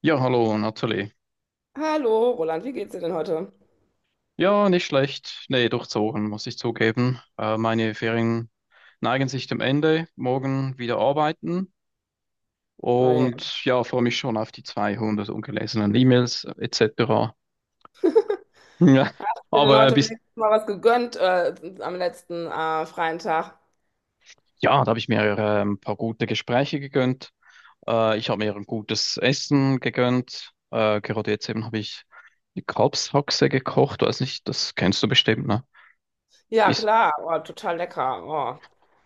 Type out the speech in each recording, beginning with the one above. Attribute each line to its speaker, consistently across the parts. Speaker 1: Ja, hallo, Natalie.
Speaker 2: Hallo, Roland, wie geht's dir denn heute?
Speaker 1: Ja, nicht schlecht. Nee, durchzogen, muss ich zugeben. Meine Ferien neigen sich dem Ende. Morgen wieder arbeiten.
Speaker 2: Oh je. Hast
Speaker 1: Und ja, freue mich schon auf die 200 ungelesenen E-Mails etc. Ja,
Speaker 2: du dir denn
Speaker 1: aber
Speaker 2: heute wenigstens mal was gegönnt am letzten freien Tag?
Speaker 1: ja, da habe ich mir ein paar gute Gespräche gegönnt. Ich habe mir ein gutes Essen gegönnt. Gerade jetzt eben habe ich die Kalbshaxe gekocht. Weiß nicht, das kennst du bestimmt, ne?
Speaker 2: Ja,
Speaker 1: Ist,
Speaker 2: klar, oh, total lecker. Oh.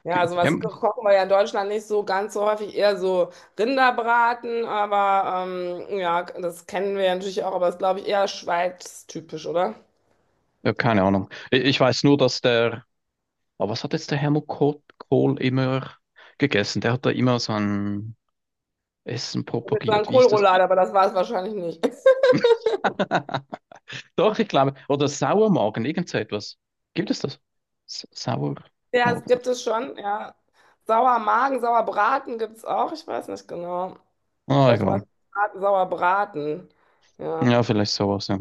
Speaker 2: Ja, sowas kochen wir ja in Deutschland nicht so ganz so häufig, eher so Rinderbraten, aber ja, das kennen wir ja natürlich auch, aber das ist, glaube ich, eher schweiztypisch, oder?
Speaker 1: ja, keine Ahnung. Ich weiß nur, dass der, aber was hat jetzt der Helmut Kohl immer gegessen? Der hat da immer so ein Essen
Speaker 2: Ich würde jetzt sagen
Speaker 1: propagiert. Wie ist das?
Speaker 2: Kohlroulade, aber das war es wahrscheinlich nicht.
Speaker 1: Doch, ich glaube. Oder Sauermagen, irgend so etwas. Gibt es das? S Sauermagen.
Speaker 2: Ja, es gibt es schon, ja. Sauermagen, Sauerbraten gibt es auch, ich weiß nicht genau.
Speaker 1: Ah,
Speaker 2: Vielleicht
Speaker 1: egal.
Speaker 2: war es Sauerbraten. Ja.
Speaker 1: Ja, vielleicht sowas, ja.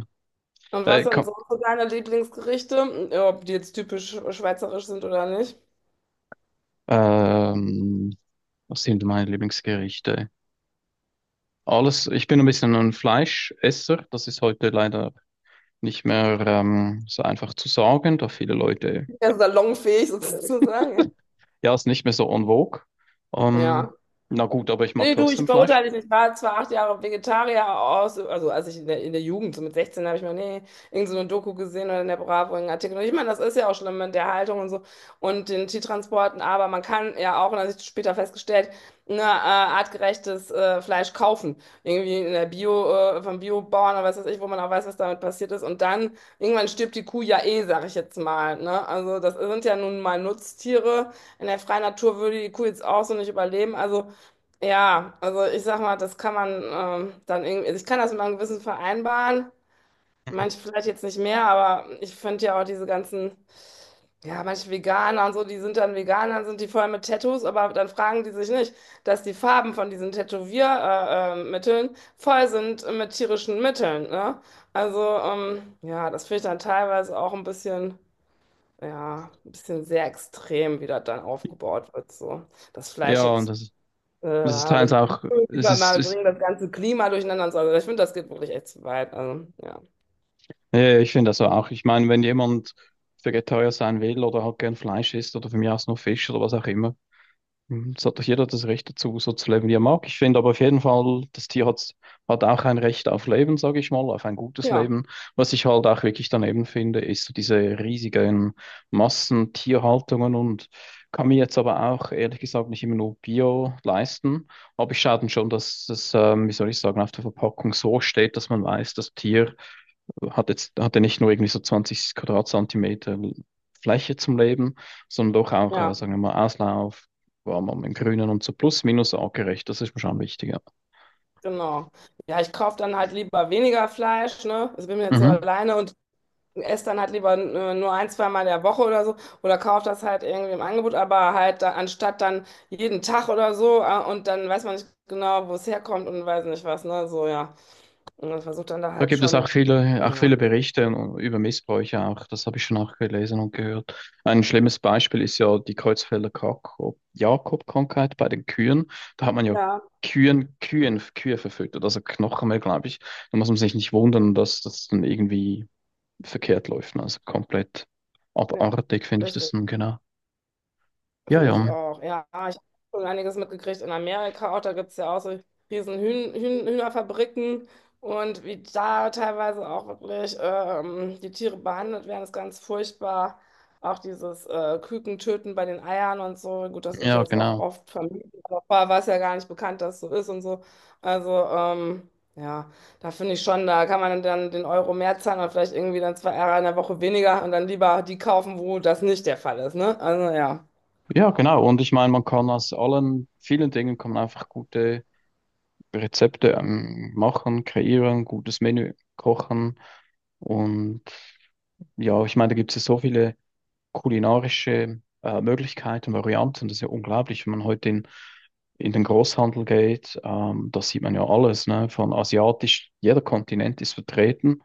Speaker 2: Und was
Speaker 1: Äh,
Speaker 2: sind
Speaker 1: komm,
Speaker 2: sonst so deine Lieblingsgerichte? Ja, ob die jetzt typisch schweizerisch sind oder nicht?
Speaker 1: ähm, was sind meine Lieblingsgerichte? Alles, ich bin ein bisschen ein Fleischesser. Das ist heute leider nicht mehr so einfach zu sagen, da viele Leute.
Speaker 2: Ja, salonfähig sozusagen,
Speaker 1: Ja, ist nicht mehr so en vogue.
Speaker 2: ja.
Speaker 1: Ähm,
Speaker 2: Ja.
Speaker 1: na gut, aber ich mag
Speaker 2: Nee, du, ich
Speaker 1: trotzdem Fleisch.
Speaker 2: verurteile dich nicht. Ich war zwar 8 Jahre Vegetarier aus, also als ich in der Jugend, so mit 16, habe ich mal, nee, irgend so eine Doku gesehen oder in der Bravo einen Artikel. Und ich meine, das ist ja auch schlimm mit der Haltung und so und den Tiertransporten, aber man kann ja auch, und das habe ich später festgestellt, ne, artgerechtes Fleisch kaufen. Irgendwie in der Bio, vom Biobauern oder was weiß ich, wo man auch weiß, was damit passiert ist. Und dann, irgendwann stirbt die Kuh ja eh, sage ich jetzt mal. Ne? Also das sind ja nun mal Nutztiere. In der freien Natur würde die Kuh jetzt auch so nicht überleben. Also ja, also ich sag mal, das kann man dann irgendwie, also ich kann das mit meinem Gewissen vereinbaren.
Speaker 1: Mhm.
Speaker 2: Manche vielleicht jetzt nicht mehr, aber ich finde ja auch diese ganzen, ja, manche Veganer und so, die sind dann Veganer, sind die voll mit Tattoos, aber dann fragen die sich nicht, dass die Farben von diesen Tätowiermitteln Mitteln voll sind mit tierischen Mitteln, ne? Also, ja, das finde ich dann teilweise auch ein bisschen, ja, ein bisschen sehr extrem, wie das dann aufgebaut wird, so. Das Fleisch
Speaker 1: Ja, und
Speaker 2: jetzt
Speaker 1: das, das ist
Speaker 2: oder
Speaker 1: teils
Speaker 2: die
Speaker 1: auch, es ist,
Speaker 2: Klimawandel
Speaker 1: ist
Speaker 2: bringen das ganze Klima durcheinander und so. Also ich finde, das geht wirklich echt zu weit. Also, ja.
Speaker 1: ja, ja, ich finde das auch. Ich meine, wenn jemand Vegetarier sein will oder halt gern Fleisch isst oder für mich aus nur Fisch oder was auch immer. Mhm. Es hat doch jeder das Recht dazu, so zu leben, wie er mag. Ich finde aber auf jeden Fall, hat auch ein Recht auf Leben, sage ich mal, auf ein gutes
Speaker 2: Ja,
Speaker 1: Leben. Was ich halt auch wirklich daneben finde, ist so diese riesigen Massentierhaltungen, und kann mir jetzt aber auch ehrlich gesagt nicht immer nur Bio leisten. Aber ich schaue dann schon, dass das, wie soll ich sagen, auf der Verpackung so steht, dass man weiß, das Tier hat jetzt, hatte nicht nur irgendwie so 20 Quadratzentimeter Fläche zum Leben, sondern doch auch,
Speaker 2: ja,
Speaker 1: sagen wir mal, Auslauf, war man im Grünen und so plus minus artgerecht, das ist mir schon wichtig. Ja.
Speaker 2: genau. Ja, ich kaufe dann halt lieber weniger Fleisch, ne? Ich bin jetzt so
Speaker 1: Mhm.
Speaker 2: alleine und esse dann halt lieber nur ein, zwei Mal der Woche oder so. Oder kaufe das halt irgendwie im Angebot, aber halt da, anstatt dann jeden Tag oder so und dann weiß man nicht genau, wo es herkommt und weiß nicht was, ne? So, ja. Und man versucht dann da
Speaker 1: Da
Speaker 2: halt
Speaker 1: gibt es
Speaker 2: schon,
Speaker 1: auch
Speaker 2: ja.
Speaker 1: viele Berichte über Missbräuche auch, das habe ich schon auch gelesen und gehört. Ein schlimmes Beispiel ist ja die Creutzfelder Jakob-Krankheit bei den Kühen. Da hat man ja
Speaker 2: Ja,
Speaker 1: Kühe verfüttert, also Knochen mehr, glaube ich. Da muss man sich nicht wundern, dass das dann irgendwie verkehrt läuft, ne? Also komplett
Speaker 2: ja,
Speaker 1: abartig finde ich
Speaker 2: richtig.
Speaker 1: das nun genau. Ja,
Speaker 2: Finde ich
Speaker 1: ja,
Speaker 2: auch. Ja, ich habe schon einiges mitgekriegt in Amerika auch. Da gibt es ja auch so riesen Hühnerfabriken und wie da teilweise auch wirklich die Tiere behandelt werden, ist ganz furchtbar. Auch dieses Kükentöten bei den Eiern und so. Gut, das ist
Speaker 1: ja,
Speaker 2: jetzt auch
Speaker 1: genau.
Speaker 2: oft vermieden, aber vorher war es ja gar nicht bekannt, dass so ist und so. Also, ja, da finde ich schon, da kann man dann den Euro mehr zahlen oder vielleicht irgendwie dann 2 Eier in der Woche weniger und dann lieber die kaufen, wo das nicht der Fall ist, ne? Also, ja.
Speaker 1: Ja, genau. Und ich meine, man kann aus allen vielen Dingen kann man einfach gute Rezepte machen, kreieren, gutes Menü kochen. Und ja, ich meine, da gibt es ja so viele kulinarische Möglichkeiten, Varianten. Das ist ja unglaublich, wenn man heute in den Großhandel geht. Da sieht man ja alles, ne? Von asiatisch, jeder Kontinent ist vertreten.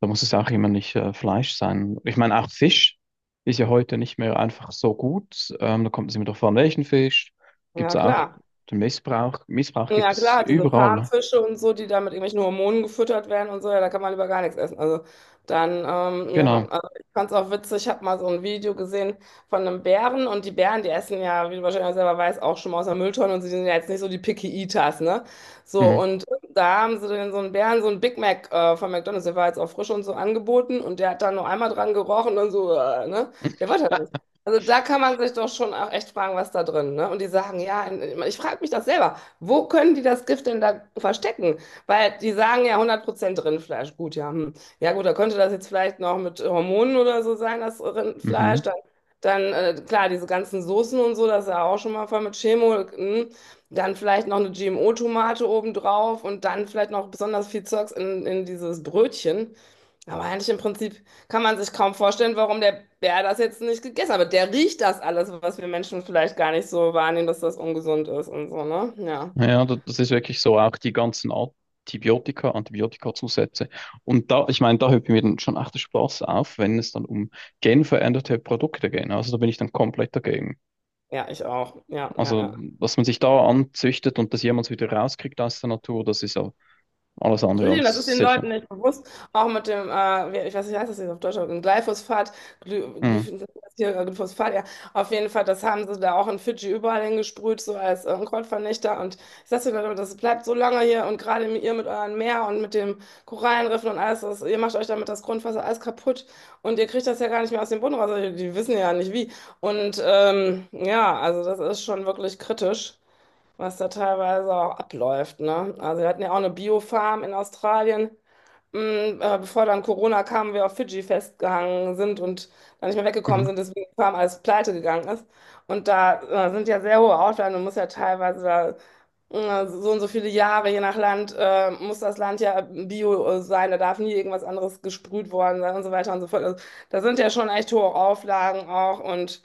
Speaker 1: Da muss es auch immer nicht Fleisch sein. Ich meine, auch Fisch ist ja heute nicht mehr einfach so gut. Da kommt es immer darauf an, welchen Fisch. Gibt es
Speaker 2: Ja,
Speaker 1: auch
Speaker 2: klar.
Speaker 1: den Missbrauch. Missbrauch gibt
Speaker 2: Ja
Speaker 1: es
Speaker 2: klar, diese
Speaker 1: überall, ne?
Speaker 2: Farmfische und so, die da mit irgendwelchen Hormonen gefüttert werden und so, ja, da kann man lieber gar nichts essen. Also dann, ja,
Speaker 1: Genau.
Speaker 2: also ich fand's auch witzig, ich habe mal so ein Video gesehen von einem Bären und die Bären, die essen ja, wie du wahrscheinlich selber weißt, auch schon mal aus der Mülltonne und sie sind ja jetzt nicht so die Picky Eaters, ne? So,
Speaker 1: Mhm.
Speaker 2: und da haben sie dann so einen Bären, so ein Big Mac von McDonald's, der war jetzt auch frisch und so angeboten und der hat dann nur einmal dran gerochen und so, ne? Der wollte das nicht. Also da kann man sich doch schon auch echt fragen, was da drin, ne? Und die sagen, ja, ich frage mich das selber. Wo können die das Gift denn da verstecken? Weil die sagen ja 100% Rindfleisch. Gut, ja. Hm. Ja gut, da könnte das jetzt vielleicht noch mit Hormonen oder so sein, das
Speaker 1: Mhm.
Speaker 2: Rindfleisch. Dann klar, diese ganzen Soßen und so, das ist ja auch schon mal voll mit Chemo. Hm. Dann vielleicht noch eine GMO-Tomate obendrauf und dann vielleicht noch besonders viel Zeugs in dieses Brötchen. Aber eigentlich im Prinzip, kann man sich kaum vorstellen, warum der Bär das jetzt nicht gegessen hat. Aber der riecht das alles, was wir Menschen vielleicht gar nicht so wahrnehmen, dass das ungesund ist und so, ne? Ja,
Speaker 1: Ja, das ist wirklich so, auch die ganzen Antibiotika, Antibiotikazusätze. Und da, ich meine, da hört mir dann schon echt der Spaß auf, wenn es dann um genveränderte Produkte geht. Also da bin ich dann komplett dagegen.
Speaker 2: ja, ich auch. Ja, ja,
Speaker 1: Also,
Speaker 2: ja.
Speaker 1: was man sich da anzüchtet und das jemals wieder rauskriegt aus der Natur, das ist ja alles andere
Speaker 2: Entschuldigung, das ist
Speaker 1: als
Speaker 2: den
Speaker 1: sicher.
Speaker 2: Leuten nicht bewusst. Auch mit dem, ich weiß nicht, wie heißt das jetzt auf Deutsch, aber mit Glyphosat, Gly,
Speaker 1: Mhm.
Speaker 2: Glyph- Glyphosat, ja, auf jeden Fall, das haben sie da auch in Fidschi überall hingesprüht, so als Unkrautvernichter. Und ich sage den Leuten, das bleibt so lange hier und gerade ihr mit eurem Meer und mit den Korallenriffen und alles, das, ihr macht euch damit das Grundwasser alles kaputt und ihr kriegt das ja gar nicht mehr aus dem Boden raus. Also die, die wissen ja nicht wie. Und ja, also das ist schon wirklich kritisch was da teilweise auch abläuft, ne? Also wir hatten ja auch eine Biofarm in Australien, mm, bevor dann Corona kam, wir auf Fidschi festgehangen sind und dann nicht mehr weggekommen
Speaker 1: Mhm.
Speaker 2: sind, deswegen die Farm alles pleite gegangen ist. Und da sind ja sehr hohe Auflagen, du musst ja teilweise da so und so viele Jahre, je nach Land, muss das Land ja bio sein, da darf nie irgendwas anderes gesprüht worden sein und so weiter und so fort. Also, da sind ja schon echt hohe Auflagen auch und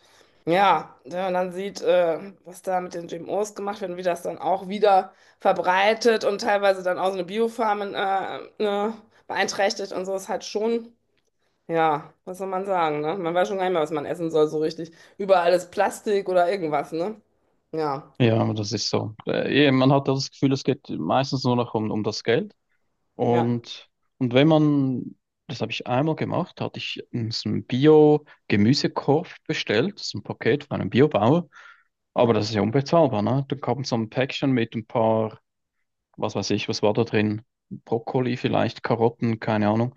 Speaker 2: ja, wenn man dann sieht, was da mit den GMOs gemacht wird und wie das dann auch wieder verbreitet und teilweise dann auch so eine Biofarm in, ne, beeinträchtigt und so ist halt schon, ja, was soll man sagen, ne? Man weiß schon gar nicht mehr, was man essen soll, so richtig. Überall ist Plastik oder irgendwas, ne? Ja,
Speaker 1: Ja, aber das ist so. Man hat ja das Gefühl, es geht meistens nur noch um das Geld.
Speaker 2: ja.
Speaker 1: Und, und wenn man, das habe ich einmal gemacht, hatte ich so einen Bio-Gemüsekorb bestellt, so ein Paket von einem Biobauer. Aber das ist ja unbezahlbar, ne? Da kam so ein Päckchen mit ein paar, was weiß ich, was war da drin? Brokkoli vielleicht, Karotten, keine Ahnung.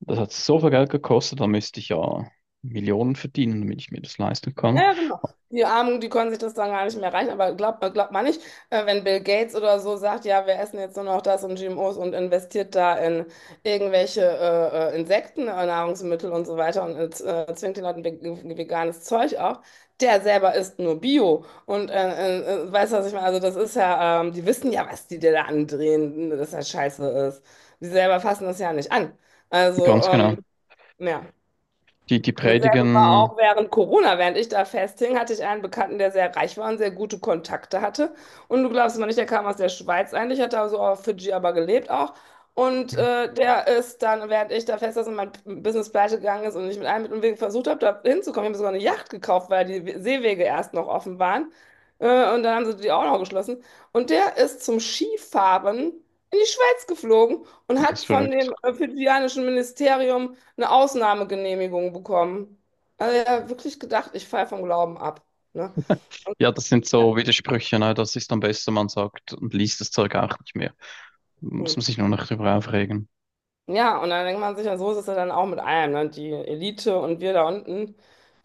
Speaker 1: Das hat so viel Geld gekostet, da müsste ich ja Millionen verdienen, damit ich mir das leisten
Speaker 2: Ja,
Speaker 1: kann.
Speaker 2: ja, genau. Die Armen, die können sich das dann gar nicht mehr reichen, aber glaubt man nicht, wenn Bill Gates oder so sagt, ja, wir essen jetzt nur noch das und GMOs und investiert da in irgendwelche Insekten, Nahrungsmittel und so weiter und zwingt den Leuten veganes Zeug auf, der selber isst nur Bio und weißt du, was ich meine? Also das ist ja, die wissen ja, was die dir da andrehen, dass das scheiße ist. Die selber fassen das ja nicht an. Also,
Speaker 1: Ganz genau.
Speaker 2: ja.
Speaker 1: Die
Speaker 2: Dasselbe war auch
Speaker 1: predigen,
Speaker 2: während Corona, während ich da festhing, hatte ich einen Bekannten, der sehr reich war und sehr gute Kontakte hatte. Und du glaubst mal nicht, der kam aus der Schweiz eigentlich, hat da so auf Fidschi aber gelebt auch. Und der ist dann, während ich da fest saß und mein Business pleite gegangen ist und ich mit allem Mittel und Wegen versucht habe, da hinzukommen, ich habe mir sogar eine Yacht gekauft, weil die Seewege erst noch offen waren. Und dann haben sie die auch noch geschlossen. Und der ist zum Skifahren in die Schweiz geflogen und hat
Speaker 1: ist
Speaker 2: von
Speaker 1: verrückt.
Speaker 2: dem fidschianischen Ministerium eine Ausnahmegenehmigung bekommen. Also ja, wirklich gedacht, ich falle vom Glauben ab. Ne?
Speaker 1: Ja, das sind
Speaker 2: Ja.
Speaker 1: so Widersprüche, ne? Das ist am besten, man sagt und liest das Zeug auch nicht mehr. Muss
Speaker 2: Hm.
Speaker 1: man sich nur noch darüber aufregen.
Speaker 2: Ja, und dann denkt man sich, ja, so ist es ja dann auch mit allem, ne? Die Elite und wir da unten,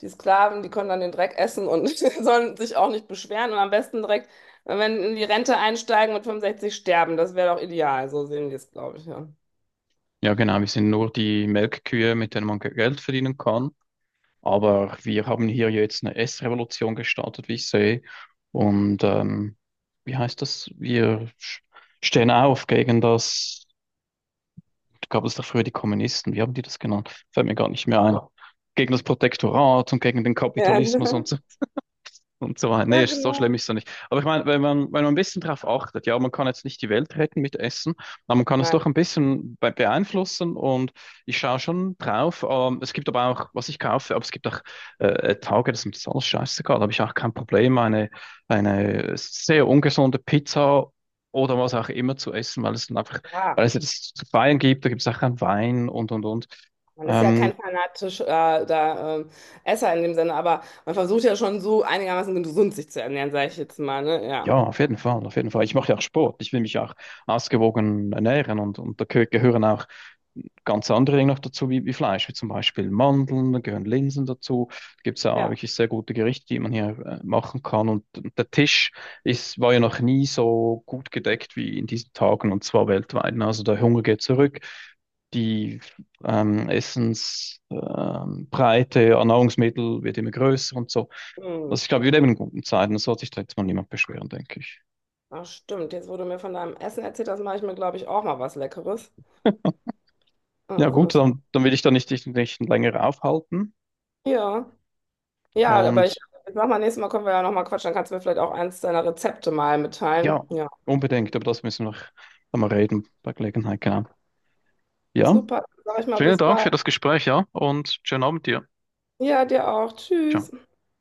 Speaker 2: die Sklaven, die können dann den Dreck essen und sollen sich auch nicht beschweren und am besten direkt, wenn in die Rente einsteigen mit 65 sterben. Das wäre doch ideal, so sehen die es, glaube ich, ja.
Speaker 1: Ja, genau, wir sind nur die Melkkühe, mit denen man Geld verdienen kann. Aber wir haben hier jetzt eine Essrevolution gestartet, wie ich sehe. Und wie heißt das? Stehen auf gegen das, gab es da früher die Kommunisten, wie haben die das genannt? Fällt mir gar nicht mehr ein. Gegen das Protektorat und gegen den
Speaker 2: Ja,
Speaker 1: Kapitalismus und so, und so weiter.
Speaker 2: ja,
Speaker 1: So schlimm
Speaker 2: genau.
Speaker 1: ist es doch nicht. Aber ich meine, wenn man ein bisschen drauf achtet, ja, man kann jetzt nicht die Welt retten mit Essen, aber man kann es
Speaker 2: Nein,
Speaker 1: doch ein bisschen be beeinflussen, und ich schaue schon drauf. Es gibt aber auch, was ich kaufe, aber es gibt auch Tage, das ist mir das alles scheißegal, da habe ich auch kein Problem, eine sehr ungesunde Pizza oder was auch immer zu essen, weil es dann einfach,
Speaker 2: ja.
Speaker 1: weil es ja das zu feiern gibt, da gibt es auch keinen Wein und und.
Speaker 2: Man ist ja
Speaker 1: Ähm,
Speaker 2: kein fanatischer äh, da, ähm, Esser in dem Sinne, aber man versucht ja schon so einigermaßen gesund sich zu ernähren, sage ich jetzt mal, ne? Ja.
Speaker 1: Ja, auf jeden Fall, auf jeden Fall. Ich mache ja auch Sport. Ich will mich auch ausgewogen ernähren, und da gehören auch ganz andere Dinge noch dazu, wie Fleisch, wie zum Beispiel Mandeln, da gehören Linsen dazu. Da gibt es ja
Speaker 2: Ja.
Speaker 1: wirklich sehr gute Gerichte, die man hier machen kann. Und der Tisch ist, war ja noch nie so gut gedeckt wie in diesen Tagen, und zwar weltweit. Also der Hunger geht zurück. Die Essensbreite an Nahrungsmittel wird immer größer und so.
Speaker 2: Hm.
Speaker 1: Also ich glaube, wir leben in guten Zeiten. Da sollte sich da jetzt mal niemand beschweren, denke ich.
Speaker 2: Ach, stimmt. Jetzt wurde mir von deinem Essen erzählt, das mache ich mir, glaube ich, auch mal was Leckeres.
Speaker 1: Ja
Speaker 2: Also
Speaker 1: gut,
Speaker 2: das,
Speaker 1: dann will ich da nicht, dich nicht länger aufhalten.
Speaker 2: ja. Ja, aber ich,
Speaker 1: Und
Speaker 2: ich mach mal nächstes Mal, können wir ja nochmal quatschen, dann kannst du mir vielleicht auch eins deiner Rezepte mal mitteilen.
Speaker 1: ja,
Speaker 2: Ja.
Speaker 1: unbedingt, aber das müssen wir noch einmal reden bei Gelegenheit, genau. Ja,
Speaker 2: Super, sag ich mal,
Speaker 1: vielen
Speaker 2: bis
Speaker 1: Dank
Speaker 2: bald.
Speaker 1: für das Gespräch, ja, und schönen Abend dir.
Speaker 2: Ja, dir auch. Tschüss.
Speaker 1: Ciao.